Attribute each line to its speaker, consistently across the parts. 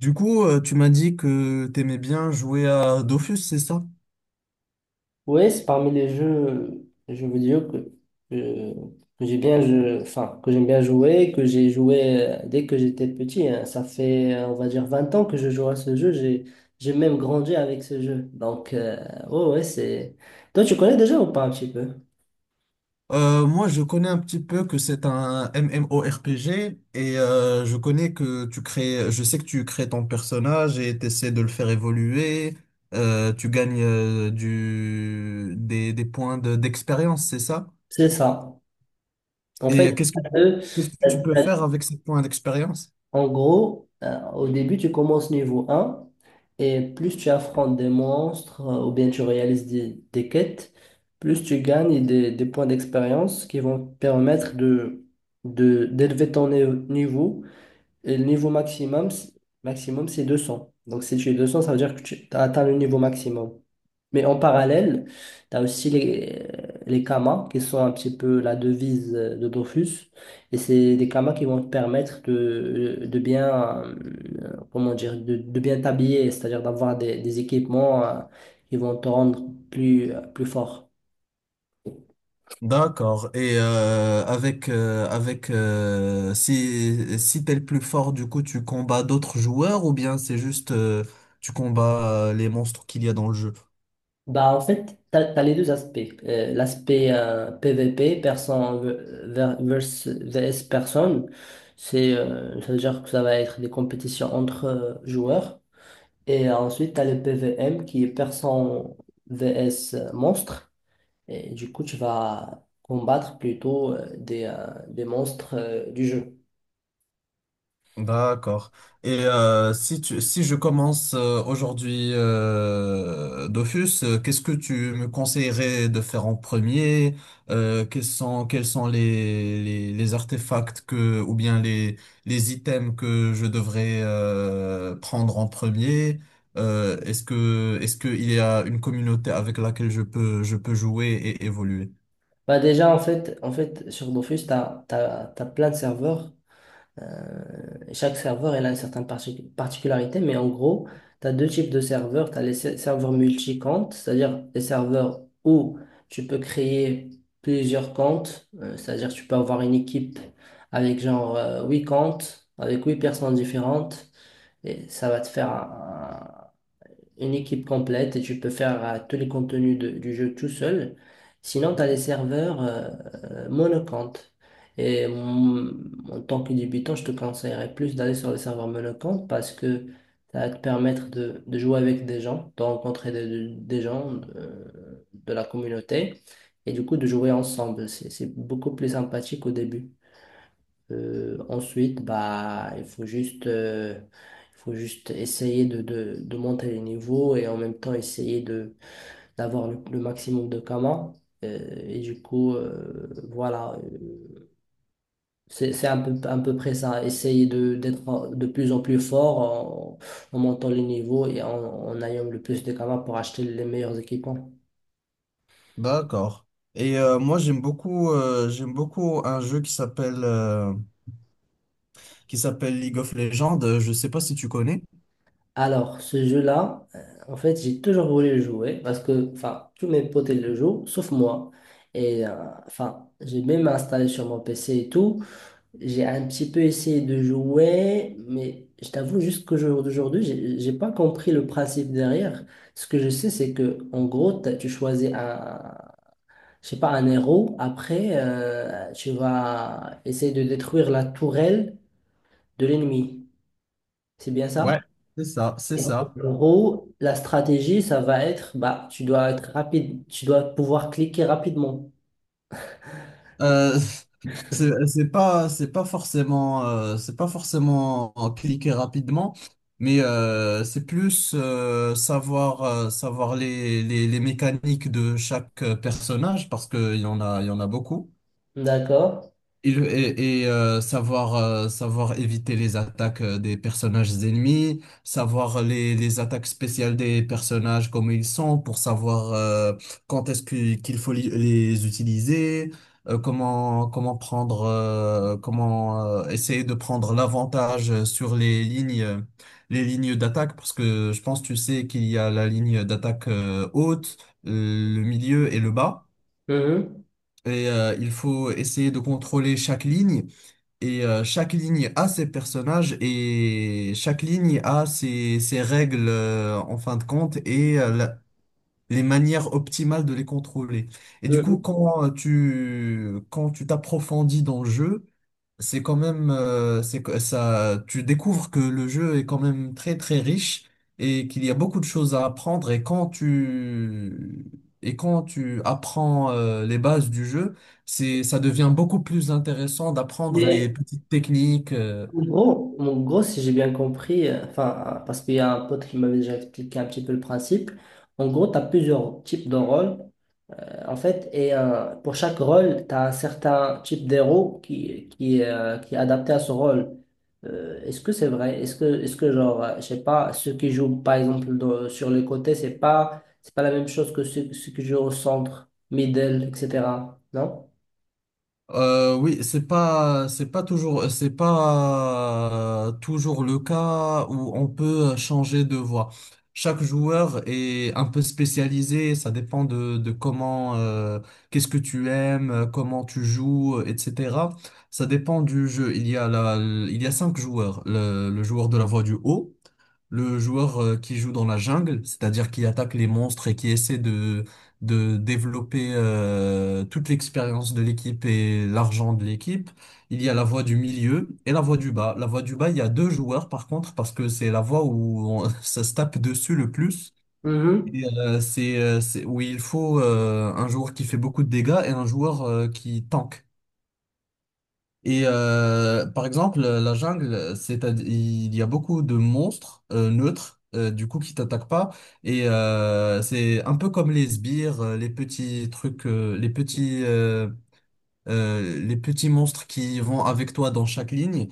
Speaker 1: Tu m'as dit que t'aimais bien jouer à Dofus, c'est ça?
Speaker 2: Oui, c'est parmi les jeux, je veux dire, que, que enfin, que j'aime bien jouer, que j'ai joué dès que j'étais petit, hein. Ça fait, on va dire, 20 ans que je joue à ce jeu. J'ai même grandi avec ce jeu. Donc, ouais, ouais. Toi, tu connais déjà ou pas un petit peu?
Speaker 1: Moi, je connais un petit peu que c'est un MMORPG et je connais que tu crées, je sais que tu crées ton personnage et t'essaies de le faire évoluer. Tu gagnes des d'expérience, c'est ça?
Speaker 2: C'est ça. En fait,
Speaker 1: Et
Speaker 2: t'as deux,
Speaker 1: qu'est-ce que tu peux faire avec ces points d'expérience?
Speaker 2: En gros, au début, tu commences niveau 1 et plus tu affrontes des monstres ou bien tu réalises des quêtes, plus tu gagnes des points d'expérience qui vont te permettre d'élever ton niveau et le niveau maximum c'est 200. Donc si tu es 200, ça veut dire que tu as atteint le niveau maximum. Mais en parallèle, tu as aussi les kamas, qui sont un petit peu la devise de Dofus. Et c'est des kamas qui vont te permettre de bien, comment dire, de bien t'habiller, c'est-à-dire d'avoir des équipements, qui vont te rendre plus fort.
Speaker 1: D'accord. Et avec avec si t'es le plus fort, du coup, tu combats d'autres joueurs ou bien c'est juste tu combats les monstres qu'il y a dans le jeu?
Speaker 2: Bah, en fait, tu as, les deux aspects. L'aspect PVP, personne ver- versus vs personne, ça veut dire que ça va être des compétitions entre joueurs. Et ensuite, tu as le PVM qui est personne vs monstre. Et du coup, tu vas combattre plutôt des monstres du jeu.
Speaker 1: D'accord. Et si je commence aujourd'hui Dofus, qu'est-ce que tu me conseillerais de faire en premier? Quels sont les artefacts ou bien les items que je devrais prendre en premier? Est-ce qu'il y a une communauté avec laquelle je peux jouer et évoluer?
Speaker 2: Bah, déjà, en fait sur Dofus, tu as plein de serveurs. Euh, Chaque serveur, elle a une certaine particularité, mais en gros, tu as deux types de serveurs. Tu as les serveurs multi-comptes, c'est-à-dire les serveurs où tu peux créer plusieurs comptes, c'est-à-dire tu peux avoir une équipe avec genre 8 comptes, avec 8 personnes différentes, et ça va te faire une équipe complète et tu peux faire tous les contenus du jeu tout seul. Sinon, tu as des serveurs monocompte. Et en tant que débutant, je te conseillerais plus d'aller sur les serveurs monocompte parce que ça va te permettre de jouer avec des gens, de rencontrer des gens de la communauté et du coup de jouer ensemble. C'est beaucoup plus sympathique au début. Ensuite, bah, il faut juste essayer de monter les niveaux et en même temps essayer de d'avoir le maximum de kamas. Et du coup, voilà, c'est un peu, à peu près ça. Essayer d'être de plus en plus fort en montant les niveaux et en ayant le plus de kamas pour acheter les meilleurs équipements.
Speaker 1: D'accord. Et moi j'aime beaucoup un jeu qui s'appelle League of Legends. Je sais pas si tu connais.
Speaker 2: Alors, ce jeu-là, en fait, j'ai toujours voulu le jouer parce que, enfin, tous mes potes ils le jouent, sauf moi. Et, enfin, j'ai même installé sur mon PC et tout. J'ai un petit peu essayé de jouer, mais je t'avoue, jusqu'au jour d'aujourd'hui, j'ai pas compris le principe derrière. Ce que je sais, c'est que, en gros, tu choisis un, je sais pas, un héros. Après, tu vas essayer de détruire la tourelle de l'ennemi. C'est bien ça?
Speaker 1: Ouais. C'est ça, c'est
Speaker 2: Et en
Speaker 1: ça.
Speaker 2: gros, la stratégie, ça va être, bah, tu dois être rapide, tu dois pouvoir cliquer rapidement.
Speaker 1: Euh, c'est pas forcément c'est pas forcément en cliquer rapidement, mais c'est plus savoir savoir les mécaniques de chaque personnage parce que il y en a il y en a beaucoup.
Speaker 2: D'accord?
Speaker 1: Savoir, savoir éviter les attaques des personnages ennemis, savoir les attaques spéciales des personnages, comme ils sont, pour savoir qu'il faut les utiliser, comment prendre, comment essayer de prendre l'avantage sur les lignes d'attaque, parce que je pense, tu sais, qu'il y a la ligne d'attaque haute, euh, le milieu et le bas.
Speaker 2: Mhm.
Speaker 1: Et il faut essayer de contrôler chaque ligne et chaque ligne a ses personnages et chaque ligne a ses règles en fin de compte et les manières optimales de les contrôler. Et du coup,
Speaker 2: Mhm.
Speaker 1: quand tu t'approfondis dans le jeu, c'est quand même c'est que ça tu découvres que le jeu est quand même très très riche et qu'il y a beaucoup de choses à apprendre et quand tu apprends les bases du jeu, c'est ça devient beaucoup plus intéressant d'apprendre
Speaker 2: Mais
Speaker 1: les petites techniques
Speaker 2: en gros, si j'ai bien compris, enfin, parce qu'il y a un pote qui m'avait déjà expliqué un petit peu le principe, en gros, tu as plusieurs types de rôles. En fait, et pour chaque rôle, tu as un certain type d'héros qui est adapté à ce rôle. Est-ce que c'est vrai? Est-ce que genre, je sais pas, ceux qui jouent par exemple sur les côtés, c'est pas la même chose que ceux qui jouent au centre, middle, etc. Non?
Speaker 1: Oui, c'est pas toujours le cas où on peut changer de voix. Chaque joueur est un peu spécialisé, ça dépend de comment, qu'est-ce que tu aimes, comment tu joues, etc. Ça dépend du jeu. Il y a il y a cinq joueurs. Le joueur de la voix du haut, le joueur qui joue dans la jungle, c'est-à-dire qui attaque les monstres et qui essaie de développer toute l'expérience de l'équipe et l'argent de l'équipe. Il y a la voie du milieu et la voie du bas. La voie du bas, il y a deux joueurs par contre, parce que c'est la voie ça se tape dessus le plus.
Speaker 2: Mhm.
Speaker 1: C'est où il faut un joueur qui fait beaucoup de dégâts et un joueur qui tank. Et par exemple, la jungle, c'est il y a beaucoup de monstres neutres, du coup, qui t'attaquent pas. Et c'est un peu comme les sbires, les petits trucs, les petits monstres qui vont avec toi dans chaque ligne.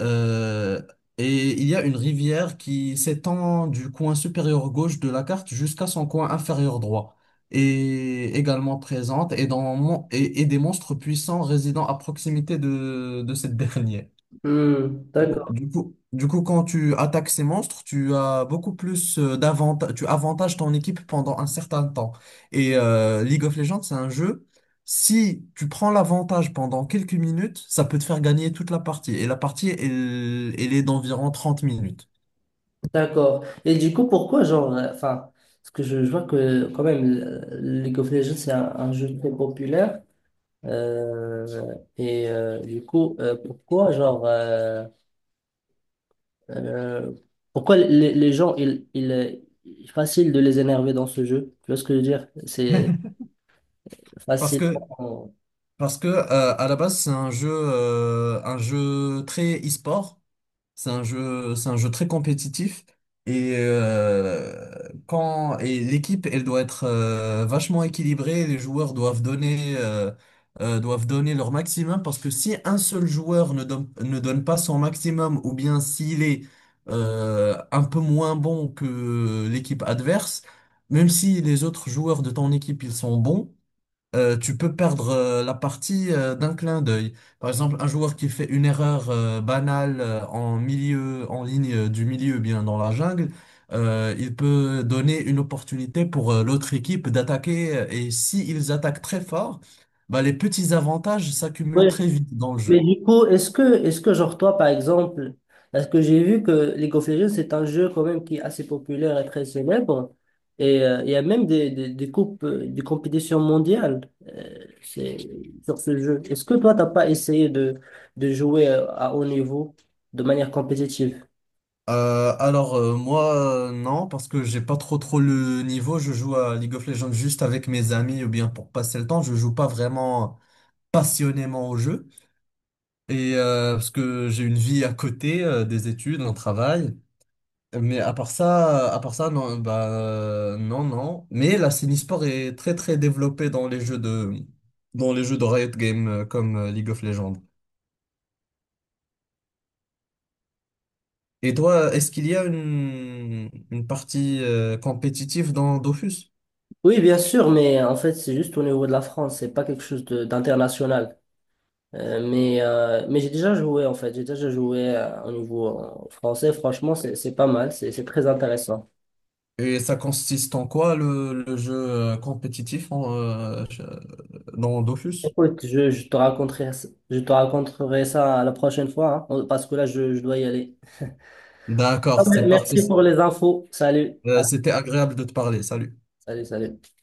Speaker 1: Euh, et il y a une rivière qui s'étend du coin supérieur gauche de la carte jusqu'à son coin inférieur droit. Et également présente et des monstres puissants résidant à proximité de cette dernière.
Speaker 2: Hmm.
Speaker 1: Oh,
Speaker 2: D'accord,
Speaker 1: du coup, quand tu attaques ces monstres, tu as beaucoup plus tu avantages ton équipe pendant un certain temps. Et League of Legends, c'est un jeu, si tu prends l'avantage pendant quelques minutes, ça peut te faire gagner toute la partie. Et la partie, elle, elle est d'environ 30 minutes.
Speaker 2: d'accord. Et du coup, pourquoi genre, enfin, parce que je vois que quand même, League of Legends, c'est un jeu très populaire. Euh, du coup, pourquoi, genre, euh, pourquoi les gens, il est facile de les énerver dans ce jeu? Tu vois ce que je veux dire? C'est
Speaker 1: Parce
Speaker 2: facile.
Speaker 1: que, Parce que à la base, c'est un jeu très e-sport. C'est un jeu très compétitif et quand et l'équipe elle doit être vachement équilibrée. Les joueurs doivent donner leur maximum parce que si un seul joueur ne donne pas son maximum ou bien s'il est un peu moins bon que l'équipe adverse, même si les autres joueurs de ton équipe ils sont bons tu peux perdre la partie d'un clin d'œil. Par exemple, un joueur qui fait une erreur banale en milieu, en ligne du milieu, bien dans la jungle, il peut donner une opportunité pour l'autre équipe d'attaquer. Et si ils attaquent très fort, bah, les petits avantages s'accumulent très vite dans le
Speaker 2: Mais
Speaker 1: jeu.
Speaker 2: du coup, est-ce que genre toi, par exemple, parce que j'ai vu que League of Legends, c'est un jeu quand même qui est assez populaire et très célèbre, et il y a même des coupes, des compétitions mondiales, sur ce jeu. Est-ce que toi, t'as pas essayé de jouer à haut niveau de manière compétitive?
Speaker 1: Moi non parce que j'ai pas trop trop le niveau. Je joue à League of Legends juste avec mes amis ou bien pour passer le temps. Je joue pas vraiment passionnément au jeu. Et parce que j'ai une vie à côté des études, un travail. Mais à part ça, non, non, non. Mais la Sport est très très développée dans les jeux de dans les jeux de Riot Games comme League of Legends. Et toi, est-ce qu'il y a une partie compétitive dans Dofus?
Speaker 2: Oui, bien sûr, mais en fait, c'est juste au niveau de la France, c'est pas quelque chose d'international. Mais j'ai déjà joué en fait, j'ai déjà joué au niveau français. Franchement, c'est pas mal, c'est très intéressant.
Speaker 1: Et ça consiste en quoi le jeu compétitif dans Dofus?
Speaker 2: Écoute, je te raconterai ça la prochaine fois hein, parce que là je dois y aller.
Speaker 1: D'accord,
Speaker 2: Ah, mais
Speaker 1: c'est parfait.
Speaker 2: merci pour les infos. Salut. Voilà.
Speaker 1: C'était agréable de te parler. Salut.
Speaker 2: Salut, salut.